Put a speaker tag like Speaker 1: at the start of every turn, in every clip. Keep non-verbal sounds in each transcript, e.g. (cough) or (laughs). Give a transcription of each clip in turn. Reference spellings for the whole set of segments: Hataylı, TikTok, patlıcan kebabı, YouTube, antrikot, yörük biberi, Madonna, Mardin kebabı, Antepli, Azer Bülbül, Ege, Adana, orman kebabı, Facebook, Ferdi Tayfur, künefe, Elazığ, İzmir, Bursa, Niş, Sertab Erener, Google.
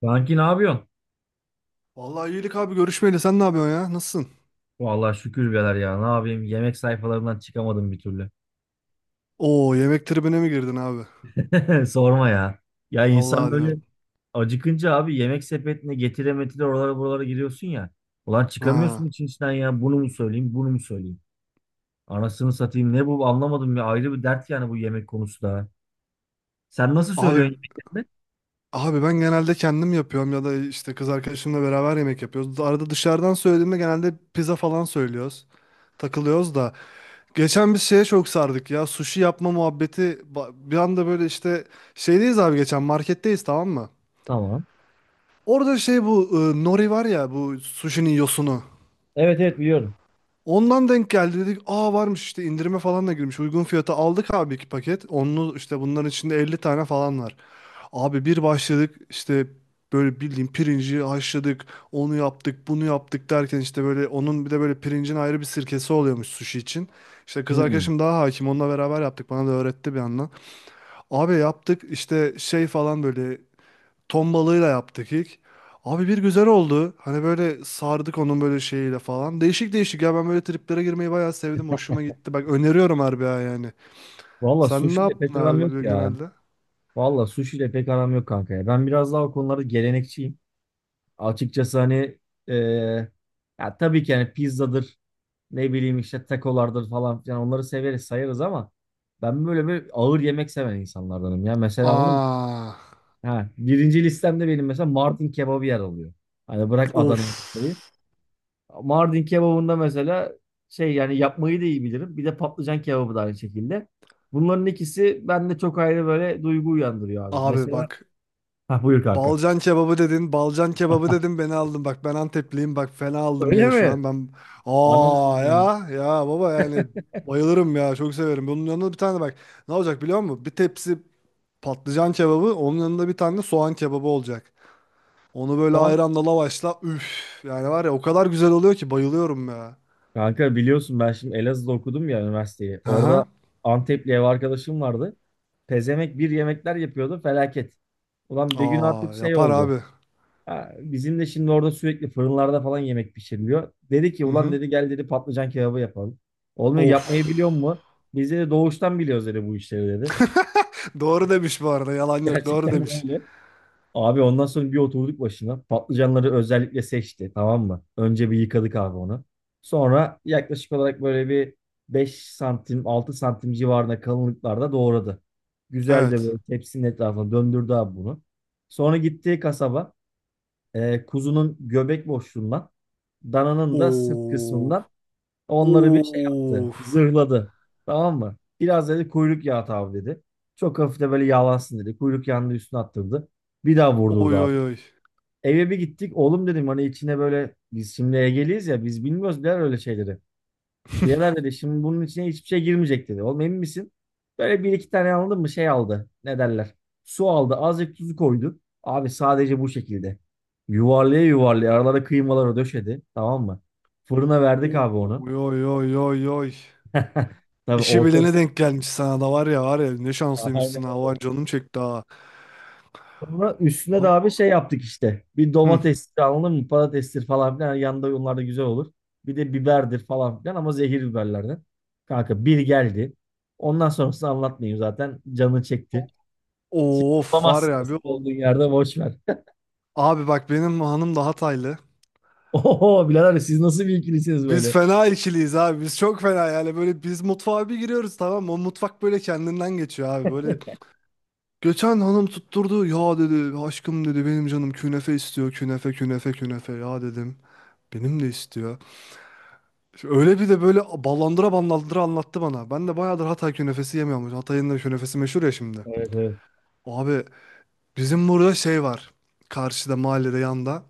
Speaker 1: Kanki ne yapıyorsun?
Speaker 2: Vallahi iyilik abi görüşmeyeli sen ne yapıyorsun ya? Nasılsın?
Speaker 1: Vallahi şükür birader ya. Ne yapayım? Yemek sayfalarından çıkamadım bir türlü.
Speaker 2: Oo yemek tribine mi girdin abi?
Speaker 1: (laughs) Sorma ya. Ya insan
Speaker 2: Allah
Speaker 1: böyle
Speaker 2: diyorsun.
Speaker 1: acıkınca abi yemek sepetine getire metire oralara buralara giriyorsun ya. Ulan çıkamıyorsun
Speaker 2: Ha.
Speaker 1: için içinden ya. Bunu mu söyleyeyim, bunu mu söyleyeyim? Anasını satayım. Ne bu anlamadım ya. Ayrı bir dert yani bu yemek konusu da. Sen nasıl söylüyorsun
Speaker 2: Abi
Speaker 1: yemeklerini?
Speaker 2: abi ben genelde kendim yapıyorum ya da işte kız arkadaşımla beraber yemek yapıyoruz. Arada dışarıdan söylediğimde genelde pizza falan söylüyoruz. Takılıyoruz da. Geçen biz şeye çok sardık ya. Sushi yapma muhabbeti. Bir anda böyle işte şeydeyiz abi, geçen marketteyiz, tamam mı?
Speaker 1: Tamam.
Speaker 2: Orada şey bu nori var ya, bu sushi'nin yosunu.
Speaker 1: Evet evet biliyorum.
Speaker 2: Ondan denk geldi, dedik. Aa, varmış işte, indirime falan da girmiş. Uygun fiyata aldık abi, iki paket. Onlu işte, bunların içinde 50 tane falan var. Abi bir başladık işte, böyle bildiğin pirinci haşladık. Onu yaptık bunu yaptık derken, işte böyle onun bir de böyle pirincin ayrı bir sirkesi oluyormuş sushi için. İşte kız
Speaker 1: Hmm.
Speaker 2: arkadaşım daha hakim, onunla beraber yaptık. Bana da öğretti bir yandan. Abi yaptık işte şey falan böyle. Ton balığıyla yaptık ilk. Abi bir güzel oldu. Hani böyle sardık onun böyle şeyiyle falan. Değişik değişik ya, ben böyle triplere girmeyi bayağı sevdim. Hoşuma gitti. Bak öneriyorum harbi ha, yani.
Speaker 1: Valla
Speaker 2: Sen ne
Speaker 1: sushi ile
Speaker 2: yaptın
Speaker 1: pek aram yok
Speaker 2: abi böyle
Speaker 1: ya.
Speaker 2: genelde?
Speaker 1: Valla sushi ile pek aram yok kanka ya. Ben biraz daha o konularda gelenekçiyim. Açıkçası hani e, ya tabii ki hani pizzadır, ne bileyim işte takolardır falan filan, onları severiz sayarız ama ben böyle bir ağır yemek seven insanlardanım ya. Mesela anladın mı?
Speaker 2: Aa,
Speaker 1: Ha, birinci listemde benim mesela Mardin kebabı yer alıyor. Hani bırak
Speaker 2: of.
Speaker 1: Adana'yı, Bursa'yı. Mardin kebabında mesela şey, yani yapmayı da iyi bilirim. Bir de patlıcan kebabı da aynı şekilde. Bunların ikisi bende çok ayrı böyle duygu uyandırıyor abi.
Speaker 2: Abi
Speaker 1: Mesela
Speaker 2: bak,
Speaker 1: ha, buyur kanka.
Speaker 2: Balcan kebabı dedin, balcan kebabı dedin, beni aldın. Bak ben Antepliyim, bak fena aldın
Speaker 1: Öyle
Speaker 2: beni şu
Speaker 1: mi?
Speaker 2: an. Ben,
Speaker 1: Ana.
Speaker 2: aa, ya ya baba yani bayılırım ya, çok severim. Bunun yanında bir tane, bak ne olacak biliyor musun? Bir tepsi patlıcan kebabı, onun yanında bir tane de soğan kebabı olacak. Onu böyle
Speaker 1: Şu an
Speaker 2: ayranla lavaşla, üf, yani var ya, o kadar güzel oluyor ki bayılıyorum ya.
Speaker 1: kanka, biliyorsun ben şimdi Elazığ'da okudum ya üniversiteyi. Orada
Speaker 2: Aha.
Speaker 1: Antepli ev arkadaşım vardı. Pezemek bir yemekler yapıyordu felaket. Ulan bir gün artık
Speaker 2: Aa,
Speaker 1: şey
Speaker 2: yapar
Speaker 1: oldu.
Speaker 2: abi.
Speaker 1: Ha, bizim de şimdi orada sürekli fırınlarda falan yemek pişiriliyor. Dedi ki
Speaker 2: Hı
Speaker 1: ulan,
Speaker 2: hı.
Speaker 1: dedi gel, dedi patlıcan kebabı yapalım. Olmuyor,
Speaker 2: Of.
Speaker 1: yapmayı biliyor mu? Biz de doğuştan biliyoruz dedi, bu işleri dedi.
Speaker 2: (laughs) Doğru demiş bu arada, yalan
Speaker 1: (laughs)
Speaker 2: yok, doğru
Speaker 1: Gerçekten de
Speaker 2: demiş.
Speaker 1: öyle. Abi ondan sonra bir oturduk başına. Patlıcanları özellikle seçti, tamam mı? Önce bir yıkadık abi onu. Sonra yaklaşık olarak böyle bir 5 santim 6 santim civarında kalınlıklarda doğradı. Güzel de
Speaker 2: Evet.
Speaker 1: böyle tepsinin etrafına döndürdü abi bunu. Sonra gittiği kasaba kuzunun göbek boşluğundan, dananın da sırt
Speaker 2: Oo.
Speaker 1: kısmından onları bir şey yaptı.
Speaker 2: Of.
Speaker 1: Zırhladı. Tamam mı? Biraz dedi kuyruk yağı at abi dedi. Çok hafif de böyle yağlansın dedi. Kuyruk yağını da üstüne attırdı. Bir daha vurdurdu
Speaker 2: Oy oy
Speaker 1: abi.
Speaker 2: oy.
Speaker 1: Eve bir gittik. Oğlum dedim hani içine böyle, biz şimdi Ege'liyiz ya, biz bilmiyoruz der öyle şeyleri.
Speaker 2: (laughs)
Speaker 1: Birader dedi şimdi bunun içine hiçbir şey girmeyecek dedi. Oğlum emin misin? Böyle bir iki tane aldım mı, şey aldı. Ne derler? Su aldı. Azıcık tuzu koydu. Abi sadece bu şekilde. Yuvarlaya yuvarlaya aralara kıymaları döşedi. Tamam mı? Fırına verdik abi onu.
Speaker 2: Oy oy oy oy oy.
Speaker 1: (laughs) Tabii
Speaker 2: İşi bilene
Speaker 1: ortası.
Speaker 2: denk gelmiş sana, da var ya var ya, ne
Speaker 1: Aynen
Speaker 2: şanslıymışsın ha,
Speaker 1: öyle.
Speaker 2: var canım çekti ha.
Speaker 1: Sonra üstüne de
Speaker 2: Abi-
Speaker 1: abi şey yaptık işte. Bir
Speaker 2: Hı.
Speaker 1: domatestir anladın mı? Patatestir falan filan. Yanında onlar da güzel olur. Bir de biberdir falan filan, ama zehir biberlerden. Kanka bir geldi. Ondan sonrasını anlatmayayım zaten. Canı çekti. Şimdi
Speaker 2: Of var
Speaker 1: bulamazsın
Speaker 2: ya
Speaker 1: nasıl
Speaker 2: bir ol-
Speaker 1: olduğun yerde, boş ver.
Speaker 2: Abi bak, benim hanım da Hataylı.
Speaker 1: (laughs) Oho birader, siz nasıl bir ikilisiniz
Speaker 2: Biz
Speaker 1: böyle?
Speaker 2: fena ikiliyiz abi. Biz çok fena yani, böyle biz mutfağa bir giriyoruz, tamam mı? O mutfak böyle kendinden geçiyor abi. Böyle geçen hanım tutturdu. Ya dedi, aşkım dedi, benim canım künefe istiyor. Künefe künefe künefe ya, dedim. Benim de istiyor. Öyle bir de böyle ballandıra ballandıra anlattı bana. Ben de bayağıdır Hatay künefesi yemiyormuş. Hatay'ın da künefesi meşhur ya şimdi.
Speaker 1: Evet evet.
Speaker 2: Abi bizim burada şey var. Karşıda, mahallede, yanda.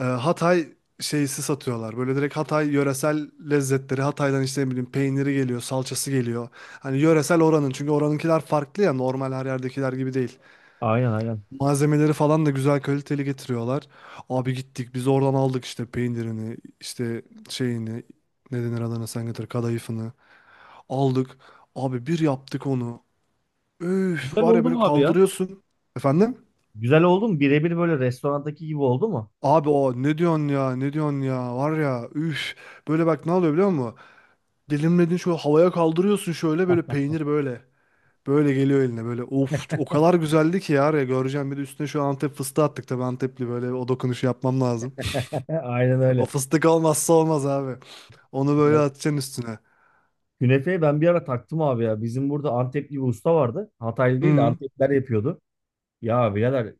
Speaker 2: Hatay şeysi satıyorlar. Böyle direkt Hatay yöresel lezzetleri. Hatay'dan işte ne bileyim, peyniri geliyor, salçası geliyor. Hani yöresel oranın. Çünkü oranınkiler farklı ya. Normal her yerdekiler gibi değil.
Speaker 1: Aynen aynen.
Speaker 2: Malzemeleri falan da güzel kaliteli getiriyorlar. Abi gittik biz oradan, aldık işte peynirini, işte şeyini, ne denir adına, sen getir, kadayıfını. Aldık. Abi bir yaptık onu. Üf
Speaker 1: Güzel
Speaker 2: var ya,
Speaker 1: oldu
Speaker 2: böyle
Speaker 1: mu abi ya?
Speaker 2: kaldırıyorsun. Efendim?
Speaker 1: Güzel oldu mu? Birebir böyle restorandaki gibi oldu mu?
Speaker 2: Abi, o ne diyorsun ya, ne diyorsun ya, var ya üf. Böyle bak, ne oluyor biliyor musun? Dilimledin, şöyle havaya kaldırıyorsun, şöyle böyle peynir böyle. Böyle geliyor eline böyle. Of, o kadar güzeldi ki ya, ya göreceğim, bir de üstüne şu Antep fıstığı attık tabii, Antepli böyle, o dokunuşu yapmam lazım. (laughs)
Speaker 1: (laughs) Aynen
Speaker 2: O
Speaker 1: öyle.
Speaker 2: fıstık olmazsa olmaz abi. Onu böyle atacaksın üstüne.
Speaker 1: Künefeyi ben bir ara taktım abi ya. Bizim burada Antepli bir usta vardı. Hataylı değil de
Speaker 2: Hı
Speaker 1: Antepliler yapıyordu. Ya birader,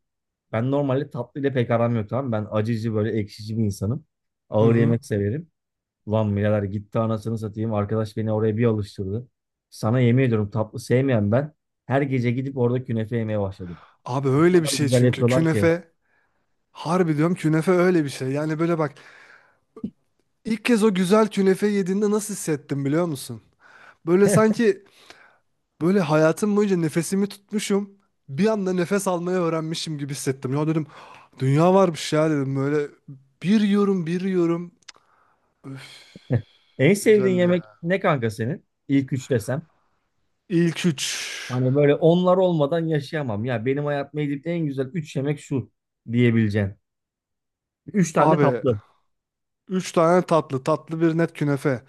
Speaker 1: ben normalde tatlı ile pek aram yok, tamam mı? Ben acıcı böyle ekşici bir insanım.
Speaker 2: hı.
Speaker 1: Ağır
Speaker 2: Hı.
Speaker 1: yemek severim. Ulan birader gitti anasını satayım. Arkadaş beni oraya bir alıştırdı. Sana yemin ediyorum, tatlı sevmeyen ben her gece gidip orada künefe yemeye başladım.
Speaker 2: Abi
Speaker 1: O
Speaker 2: öyle bir
Speaker 1: kadar
Speaker 2: şey
Speaker 1: güzel
Speaker 2: çünkü
Speaker 1: yapıyorlar ki.
Speaker 2: künefe, harbi diyorum, künefe öyle bir şey. Yani böyle bak. İlk kez o güzel künefe yediğinde nasıl hissettim biliyor musun? Böyle
Speaker 1: (laughs)
Speaker 2: sanki, böyle hayatım boyunca nefesimi tutmuşum. Bir anda nefes almayı öğrenmişim gibi hissettim. Ya dedim, dünya varmış ya dedim, böyle bir yiyorum bir yiyorum. Öf,
Speaker 1: En
Speaker 2: ne
Speaker 1: sevdiğin
Speaker 2: güzeldi
Speaker 1: yemek
Speaker 2: ya.
Speaker 1: ne kanka senin? İlk üç desem.
Speaker 2: İlk üç.
Speaker 1: Hani böyle onlar olmadan yaşayamam. Ya benim hayatımda yediğim en güzel 3 yemek şu diyebileceğin. 3 tane de
Speaker 2: Abi,
Speaker 1: tatlı.
Speaker 2: üç tane tatlı, tatlı bir net künefe.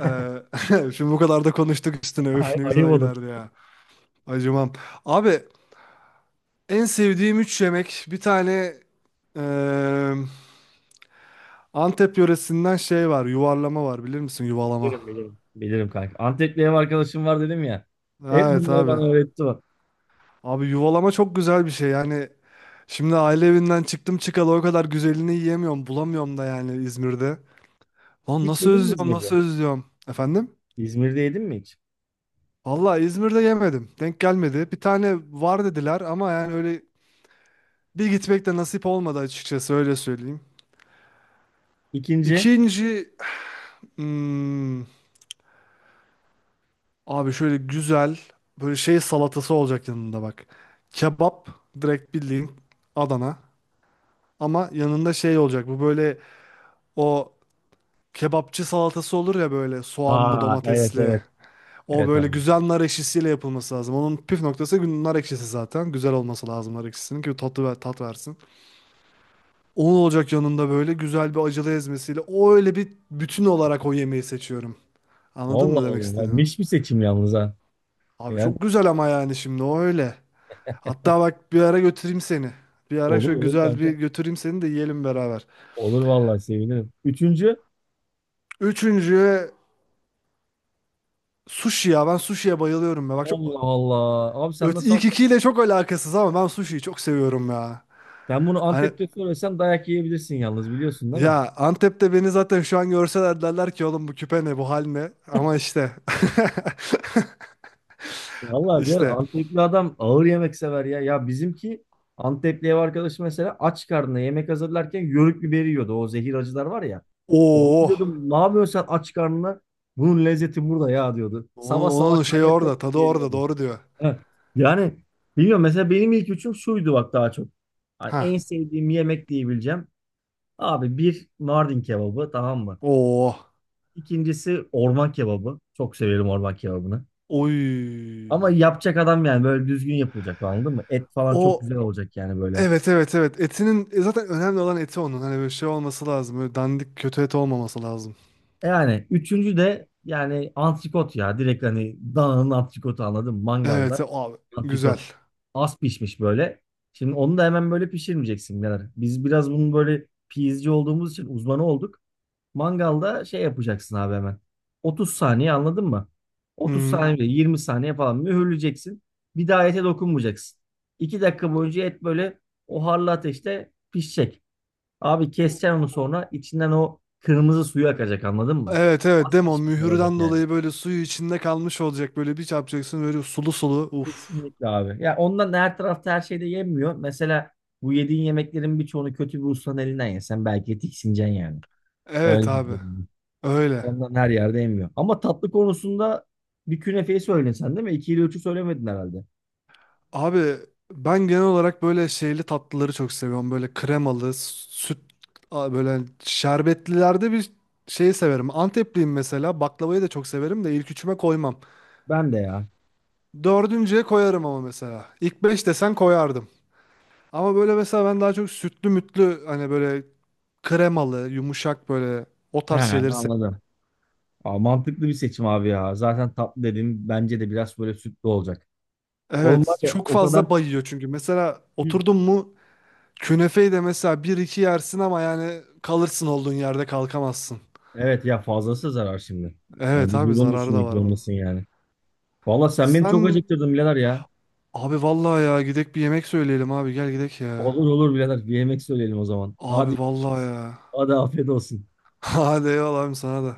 Speaker 2: Ee, (laughs) şimdi bu kadar da konuştuk üstüne, öf
Speaker 1: Ay,
Speaker 2: ne
Speaker 1: ayıp
Speaker 2: güzel
Speaker 1: olur.
Speaker 2: giderdi ya. Acımam. Abi, en sevdiğim üç yemek, bir tane... eee Antep yöresinden şey var, yuvarlama var, bilir misin yuvalama?
Speaker 1: Bilirim bilirim. Bilirim kanka. Antepli ev arkadaşım var dedim ya. Hep
Speaker 2: Evet
Speaker 1: bunları
Speaker 2: abi.
Speaker 1: bana öğretti o.
Speaker 2: Abi, yuvalama çok güzel bir şey yani. Şimdi aile evinden çıktım çıkalı o kadar güzelini yiyemiyorum, bulamıyorum da yani İzmir'de. Lan
Speaker 1: Hiç
Speaker 2: nasıl
Speaker 1: yedin mi
Speaker 2: özlüyorum,
Speaker 1: İzmir'de?
Speaker 2: nasıl özlüyorum. Efendim?
Speaker 1: İzmir'de yedin mi hiç?
Speaker 2: Vallahi İzmir'de yemedim. Denk gelmedi. Bir tane var dediler ama yani öyle bir gitmek de nasip olmadı açıkçası, öyle söyleyeyim.
Speaker 1: İkinci.
Speaker 2: İkinci, hmm, abi şöyle güzel böyle şey salatası olacak yanında, bak. Kebap, direkt bildiğin Adana. Ama yanında şey olacak bu böyle, o kebapçı salatası olur ya, böyle soğanlı
Speaker 1: Aa evet
Speaker 2: domatesli.
Speaker 1: evet.
Speaker 2: O
Speaker 1: Evet
Speaker 2: böyle
Speaker 1: abi.
Speaker 2: güzel nar ekşisiyle yapılması lazım. Onun püf noktası, nar ekşisi zaten. Güzel olması lazım nar ekşisinin ki tatlı ver, tat versin. Onun olacak yanında, böyle güzel bir acılı ezmesiyle. O öyle bir bütün olarak o yemeği seçiyorum. Anladın
Speaker 1: Allah
Speaker 2: mı demek
Speaker 1: Allah. Ay,
Speaker 2: istediğimi?
Speaker 1: Niş bir seçim yalnız ha.
Speaker 2: Abi
Speaker 1: Yani
Speaker 2: çok güzel ama, yani şimdi o öyle. Hatta bak, bir ara götüreyim seni. Bir ara
Speaker 1: olur
Speaker 2: şöyle
Speaker 1: olur
Speaker 2: güzel bir
Speaker 1: kanka.
Speaker 2: götüreyim seni de, yiyelim beraber.
Speaker 1: Olur vallahi sevinirim. Üçüncü.
Speaker 2: Üçüncü, sushi ya. Ben sushi'ye bayılıyorum ya. Bak çok,
Speaker 1: Allah Allah. Abi
Speaker 2: Ö-
Speaker 1: sen nasıl
Speaker 2: ilk
Speaker 1: Antep?
Speaker 2: ikiyle çok alakasız ama ben sushi'yi çok seviyorum ya.
Speaker 1: Ben bunu
Speaker 2: Hani
Speaker 1: Antep'te söylesem dayak yiyebilirsin yalnız, biliyorsun değil mi?
Speaker 2: ya Antep'te beni zaten şu an görseler derler ki, oğlum bu küpe ne, bu hal ne? Ama işte. (laughs)
Speaker 1: Vallahi bir
Speaker 2: işte
Speaker 1: Antepli adam ağır yemek sever ya. Ya bizimki, Antepli ev arkadaşı mesela aç karnına yemek hazırlarken yörük biberi yiyordu. O zehir acılar var ya. Onu
Speaker 2: Oo.
Speaker 1: diyordum ne yapıyorsun sen aç karnına? Bunun lezzeti burada ya diyordu.
Speaker 2: onun,
Speaker 1: Sabah sabah
Speaker 2: onun şey
Speaker 1: kaynatacak
Speaker 2: orada
Speaker 1: gibi
Speaker 2: tadı orada,
Speaker 1: geliyordu.
Speaker 2: doğru diyor.
Speaker 1: Heh. Yani bilmiyorum, mesela benim ilk üçüm şuydu bak daha çok. Hani en
Speaker 2: Ha.
Speaker 1: sevdiğim yemek diyebileceğim. Abi bir Mardin kebabı, tamam mı?
Speaker 2: Oo.
Speaker 1: İkincisi orman kebabı. Çok severim orman kebabını. Ama
Speaker 2: Oy.
Speaker 1: yapacak adam, yani böyle düzgün yapılacak anladın mı? Et falan çok
Speaker 2: O
Speaker 1: güzel olacak yani böyle.
Speaker 2: Evet evet evet, etinin zaten önemli olan eti onun, hani böyle şey olması lazım, böyle dandik kötü et olmaması lazım.
Speaker 1: E yani üçüncü de yani antrikot ya. Direkt hani dananın antrikotu anladın mı? Mangalda
Speaker 2: Evet, abi
Speaker 1: antrikot.
Speaker 2: güzel.
Speaker 1: Az pişmiş böyle. Şimdi onu da hemen böyle pişirmeyeceksin birader. Biz biraz bunun böyle pizci olduğumuz için uzmanı olduk. Mangalda şey yapacaksın abi hemen. 30 saniye anladın mı?
Speaker 2: Hı
Speaker 1: 30
Speaker 2: hı.
Speaker 1: saniye, 20 saniye falan mühürleyeceksin. Bir daha ete dokunmayacaksın. 2 dakika boyunca et böyle o harlı ateşte pişecek. Abi keseceksin onu, sonra içinden o kırmızı suyu akacak anladın mı?
Speaker 2: Evet evet,
Speaker 1: Az
Speaker 2: değil mi,
Speaker 1: pişmiş olacak
Speaker 2: mühürden
Speaker 1: yani.
Speaker 2: dolayı böyle suyu içinde kalmış olacak, böyle bir çarpacaksın böyle sulu sulu, uf.
Speaker 1: Kesinlikle abi. Ya ondan da her tarafta her şey de yenmiyor. Mesela bu yediğin yemeklerin birçoğunu kötü bir ustanın elinden yesen belki tiksineceksin yani.
Speaker 2: Evet
Speaker 1: Öyle bir
Speaker 2: abi,
Speaker 1: durum.
Speaker 2: öyle.
Speaker 1: Ondan her yerde yemiyor. Ama tatlı konusunda bir künefeyi söyledin sen değil mi? 2 ile üçü söylemedin herhalde.
Speaker 2: Abi ben genel olarak böyle şeyli tatlıları çok seviyorum, böyle kremalı süt, böyle şerbetlilerde bir şeyi severim. Antepliyim, mesela baklavayı da çok severim de ilk üçüme koymam.
Speaker 1: Ben de ya.
Speaker 2: Dördüncüye koyarım ama mesela. İlk beş desen koyardım. Ama böyle mesela ben daha çok sütlü mütlü, hani böyle kremalı, yumuşak, böyle o
Speaker 1: He,
Speaker 2: tarz şeyleri
Speaker 1: anladım.
Speaker 2: seviyorum.
Speaker 1: Aa, mantıklı bir seçim abi ya. Zaten tatlı dedim, bence de biraz böyle sütlü olacak. Oğlum var
Speaker 2: Evet,
Speaker 1: ya
Speaker 2: çok
Speaker 1: o kadar.
Speaker 2: fazla bayıyor çünkü. Mesela
Speaker 1: Hı.
Speaker 2: oturdun mu, künefeyi de mesela bir iki yersin ama yani kalırsın olduğun yerde, kalkamazsın.
Speaker 1: Evet ya, fazlası zarar şimdi. Yani
Speaker 2: Evet abi,
Speaker 1: vücudunu
Speaker 2: zararı da
Speaker 1: düşünmek
Speaker 2: var bunun.
Speaker 1: zorundasın yani. Valla sen beni çok
Speaker 2: Sen,
Speaker 1: acıktırdın birader ya.
Speaker 2: abi vallahi ya, gidek bir yemek söyleyelim abi, gel gidek ya.
Speaker 1: Olur olur birader. Bir yemek söyleyelim o zaman.
Speaker 2: Abi
Speaker 1: Hadi
Speaker 2: vallahi
Speaker 1: görüşürüz.
Speaker 2: ya.
Speaker 1: Hadi afiyet olsun.
Speaker 2: (laughs) Hadi eyvallah abi, sana da.